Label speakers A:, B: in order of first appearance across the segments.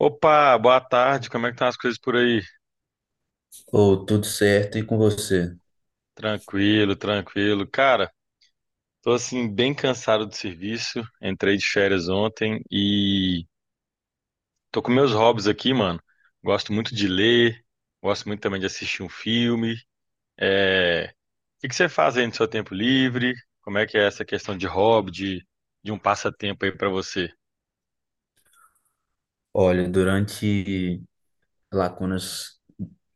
A: Opa, boa tarde. Como é que estão as coisas por aí?
B: Ou tudo certo e com você?
A: Tranquilo, tranquilo. Cara, tô assim bem cansado do serviço. Entrei de férias ontem e tô com meus hobbies aqui, mano. Gosto muito de ler, gosto muito também de assistir um filme. É... O que que você faz aí no seu tempo livre? Como é que é essa questão de hobby, de um passatempo aí pra você?
B: Olha, durante lacunas,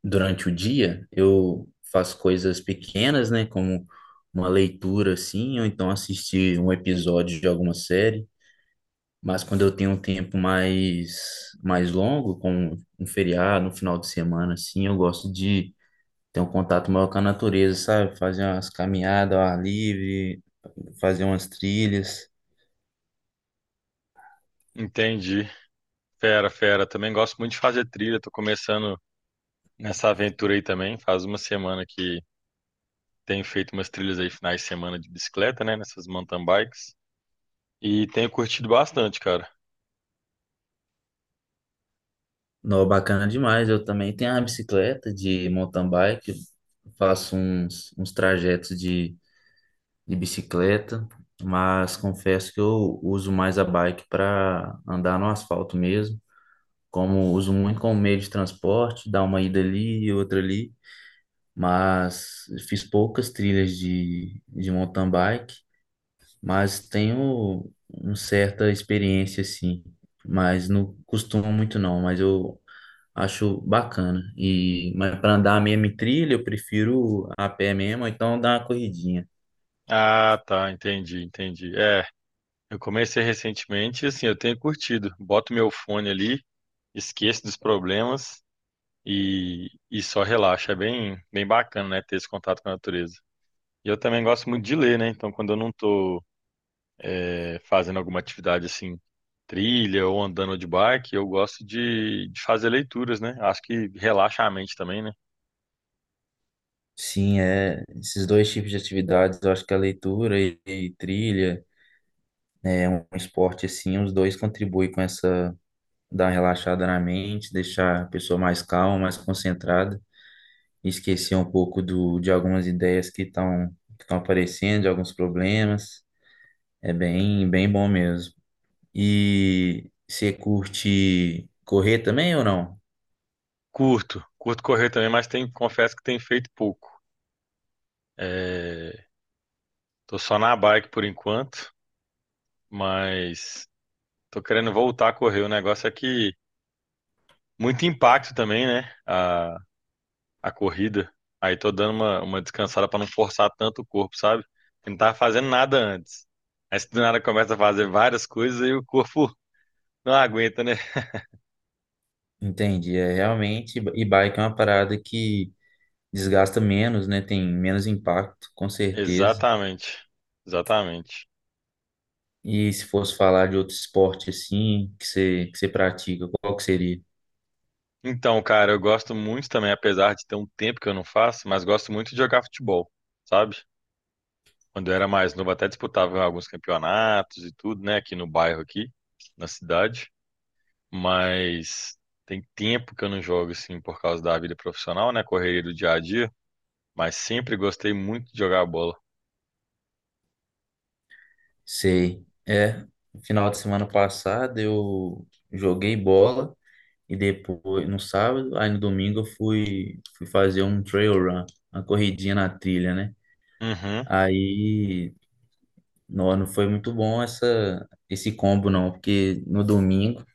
B: durante o dia, eu faço coisas pequenas, né? Como uma leitura, assim, ou então assistir um episódio de alguma série. Mas quando eu tenho um tempo mais longo, como um feriado, um final de semana, assim, eu gosto de ter um contato maior com a natureza, sabe? Fazer umas caminhadas ao ar livre, fazer umas trilhas.
A: Entendi. Fera, fera. Também gosto muito de fazer trilha. Tô começando nessa aventura aí também. Faz uma semana que tenho feito umas trilhas aí finais de semana de bicicleta, né? Nessas mountain bikes. E tenho curtido bastante, cara.
B: Não, bacana demais. Eu também tenho a bicicleta de mountain bike. Eu faço uns trajetos de bicicleta, mas confesso que eu uso mais a bike para andar no asfalto mesmo. Como uso muito como meio de transporte, dá uma ida ali e outra ali. Mas fiz poucas trilhas de mountain bike, mas tenho uma certa experiência assim. Mas não costumo muito não, mas eu acho bacana. E, mas para andar a mesma trilha, eu prefiro a pé mesmo, ou então dar uma corridinha.
A: Ah, tá, entendi, entendi. É, eu comecei recentemente e assim, eu tenho curtido. Boto meu fone ali, esqueço dos problemas e só relaxo. É bem, bem bacana, né? Ter esse contato com a natureza. E eu também gosto muito de ler, né? Então, quando eu não tô fazendo alguma atividade assim, trilha ou andando de bike, eu gosto de fazer leituras, né? Acho que relaxa a mente também, né?
B: Sim, é, esses dois tipos de atividades, eu acho que a leitura e trilha, né, é um esporte assim, os dois contribuem com essa, dar uma relaxada na mente, deixar a pessoa mais calma, mais concentrada, e esquecer um pouco do, de algumas ideias que estão aparecendo, de alguns problemas. É bem, bem bom mesmo. E você curte correr também ou não?
A: Curto correr também, mas tem, confesso que tem feito pouco. É, tô só na bike por enquanto, mas tô querendo voltar a correr. O negócio é que muito impacto também, né? A corrida. Aí tô dando uma descansada pra não forçar tanto o corpo, sabe? Eu não tava fazendo nada antes. Aí se do nada começa a fazer várias coisas e o corpo não aguenta, né?
B: Entendi, é realmente, e bike é uma parada que desgasta menos, né? Tem menos impacto, com certeza.
A: Exatamente, exatamente.
B: E se fosse falar de outro esporte assim, que você pratica, qual que seria?
A: Então, cara, eu gosto muito também, apesar de ter um tempo que eu não faço, mas gosto muito de jogar futebol, sabe? Quando eu era mais novo, até disputava alguns campeonatos e tudo, né? Aqui no bairro, aqui, na cidade. Mas tem tempo que eu não jogo, assim, por causa da vida profissional, né? Correria do dia a dia. Mas sempre gostei muito de jogar bola.
B: Sei. É, no final de semana passado eu joguei bola e depois, no sábado, aí no domingo eu fui, fui fazer um trail run, uma corridinha na trilha, né?
A: Uhum,
B: Aí, não foi muito bom essa, esse combo não, porque no domingo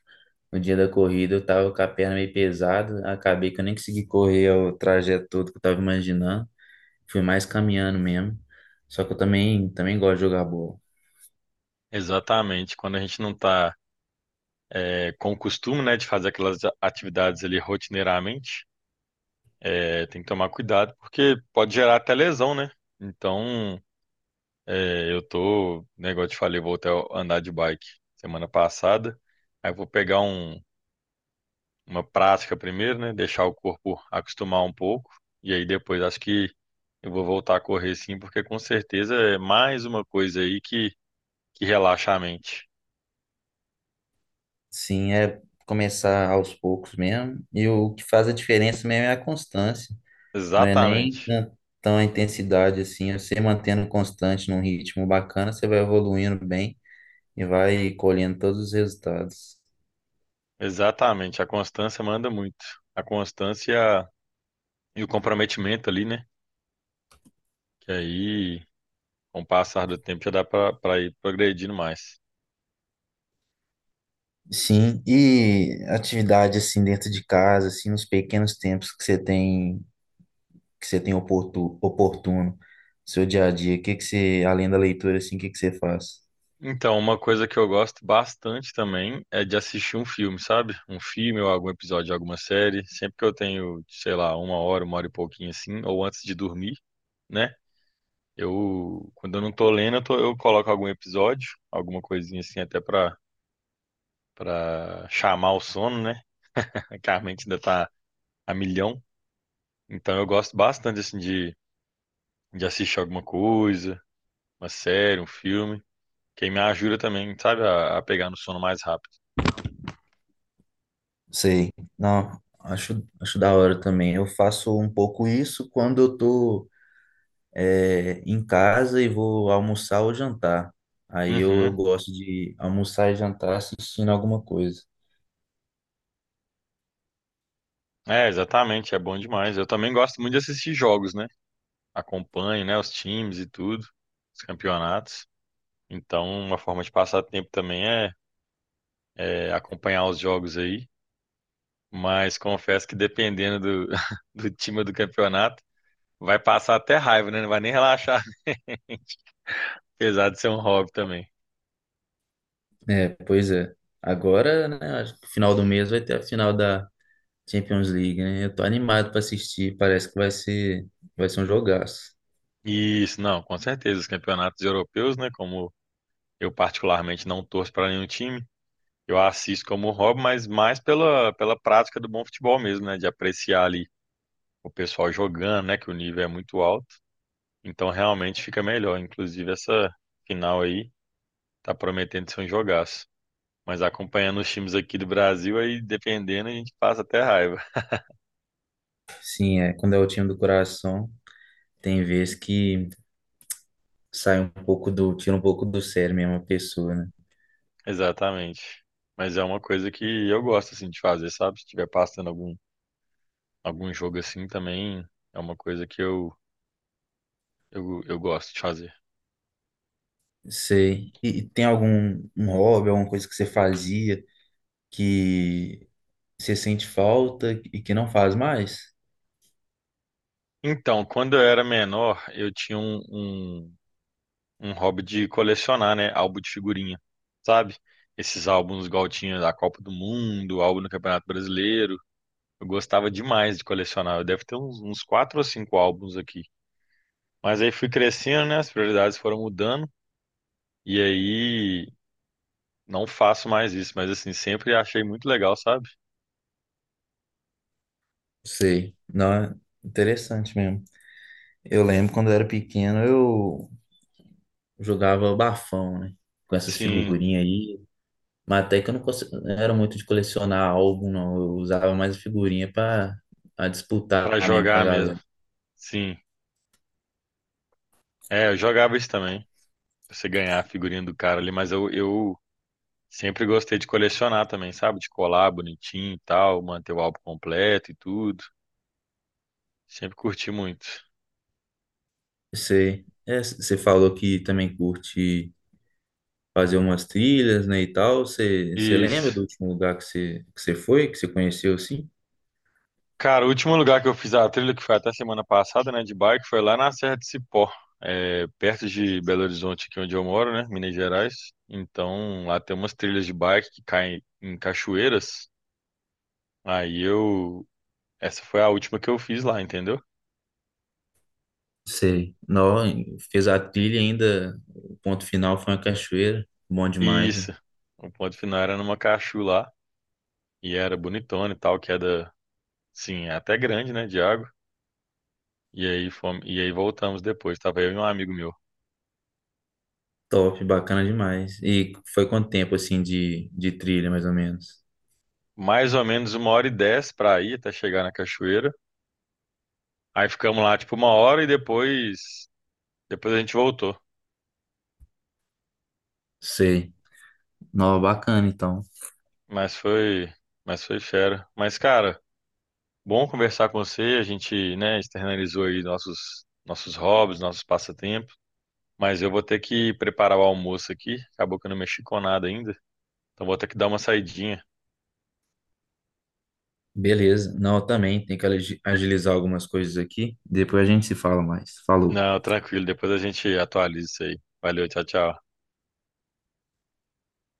B: no dia da corrida eu tava com a perna meio pesada, acabei que eu nem consegui correr o trajeto todo que eu tava imaginando. Fui mais caminhando mesmo. Só que eu também gosto de jogar bola.
A: exatamente. Quando a gente não tá, com o costume, né, de fazer aquelas atividades ali rotineiramente, tem que tomar cuidado, porque pode gerar até lesão, né? Então, eu tô, negócio te falei, vou até andar de bike semana passada. Aí eu vou pegar um, uma prática primeiro, né? Deixar o corpo acostumar um pouco. E aí depois acho que eu vou voltar a correr sim, porque com certeza é mais uma coisa aí que relaxa a mente.
B: Sim, é começar aos poucos mesmo. E o que faz a diferença mesmo é a constância. Não é nem
A: Exatamente,
B: tão a intensidade assim. É você mantendo constante num ritmo bacana, você vai evoluindo bem e vai colhendo todos os resultados.
A: exatamente. A constância manda muito. A constância e o comprometimento ali, né? Que aí, com o passar do tempo já dá para ir progredindo mais.
B: Sim, e atividade assim dentro de casa, assim, nos pequenos tempos que você tem oportuno, seu dia a dia, o que que você, além da leitura, assim, o que que você faz?
A: Então, uma coisa que eu gosto bastante também é de assistir um filme, sabe? Um filme ou algum episódio de alguma série. Sempre que eu tenho, sei lá, uma hora e pouquinho assim, ou antes de dormir, né? Eu, quando eu não tô lendo, eu coloco algum episódio, alguma coisinha assim, até pra chamar o sono, né? Que a mente ainda tá a milhão. Então, eu gosto bastante, assim, de assistir alguma coisa, uma série, um filme. Quem me ajuda também, sabe, a pegar no sono mais rápido.
B: Sei, não, acho da hora também. Eu faço um pouco isso quando eu tô é, em casa e vou almoçar ou jantar. Aí eu
A: Uhum.
B: gosto de almoçar e jantar assistindo alguma coisa.
A: É, exatamente, é bom demais. Eu também gosto muito de assistir jogos, né? Acompanho, né, os times e tudo, os campeonatos. Então, uma forma de passar tempo também é acompanhar os jogos aí. Mas confesso que dependendo do, do time do campeonato, vai passar até raiva, né? Não vai nem relaxar, apesar de ser um hobby também.
B: É, pois é. Agora, né, acho que final do mês vai ter a final da Champions League, né? Eu tô animado pra assistir. Parece que vai ser um jogaço.
A: Isso, não, com certeza. Os campeonatos europeus, né? Como eu particularmente não torço para nenhum time, eu assisto como hobby, mas mais pela, prática do bom futebol mesmo, né? De apreciar ali o pessoal jogando, né? Que o nível é muito alto. Então realmente fica melhor. Inclusive essa final aí tá prometendo ser um jogaço. Mas acompanhando os times aqui do Brasil, aí dependendo, a gente passa até raiva.
B: Sim, é. Quando é o time do coração, tem vezes que sai um pouco do, tira um pouco do sério mesmo a pessoa, né?
A: Exatamente. Mas é uma coisa que eu gosto assim de fazer, sabe? Se estiver passando algum, jogo assim também, é uma coisa que eu gosto de fazer.
B: Sei. E tem algum um hobby, alguma coisa que você fazia que você sente falta e que não faz mais?
A: Então, quando eu era menor, eu tinha um, um hobby de colecionar, né? Álbum de figurinha, sabe? Esses álbuns igual tinha da Copa do Mundo, álbum do Campeonato Brasileiro. Eu gostava demais de colecionar. Eu devo ter uns quatro ou cinco álbuns aqui. Mas aí fui crescendo, né? As prioridades foram mudando. E aí não faço mais isso. Mas assim, sempre achei muito legal, sabe?
B: Sei. Não, é interessante mesmo. Eu lembro quando eu era pequeno, eu jogava bafão, né? Com essas
A: Sim,
B: figurinhas aí. Mas até que eu não, não era muito de colecionar álbum, não. Eu usava mais figurinha pra disputar
A: pra
B: mesmo com a
A: jogar mesmo.
B: galera.
A: Sim. É, eu jogava isso também. Pra você ganhar a figurinha do cara ali, mas eu sempre gostei de colecionar também, sabe? De colar bonitinho e tal, manter o álbum completo e tudo. Sempre curti muito.
B: Você, é, você falou que também curte fazer umas trilhas, né, e tal. Você, você lembra
A: Isso.
B: do último lugar que você foi, que você conheceu, assim?
A: Cara, o último lugar que eu fiz a trilha, que foi até semana passada, né, de bike, foi lá na Serra de Cipó, perto de Belo Horizonte, aqui onde eu moro, né, Minas Gerais. Então, lá tem umas trilhas de bike que caem em cachoeiras. Aí eu. Essa foi a última que eu fiz lá, entendeu?
B: Sei. Não, fez a trilha ainda. O ponto final foi uma cachoeira. Bom
A: E
B: demais, né?
A: isso. O ponto final era numa cachu lá, e era bonitona e tal, queda. Sim, é até grande, né, de água. E aí fomos, e aí voltamos depois. Tava eu e um amigo meu.
B: Top, bacana demais. E foi quanto tempo, assim, de trilha, mais ou menos?
A: Mais ou menos uma hora e dez para ir até chegar na cachoeira. Aí ficamos lá tipo uma hora e depois, a gente voltou.
B: Sei. Não, bacana, então.
A: Mas foi, mas foi fera. Mas cara, bom conversar com você. A gente, né, externalizou aí nossos hobbies, nossos passatempos. Mas eu vou ter que preparar o almoço aqui. Acabou que eu não mexi com nada ainda. Então vou ter que dar uma saidinha.
B: Beleza. Não, eu também tenho que agilizar algumas coisas aqui. Depois a gente se fala mais. Falou.
A: Não, tranquilo. Depois a gente atualiza isso aí. Valeu, tchau, tchau.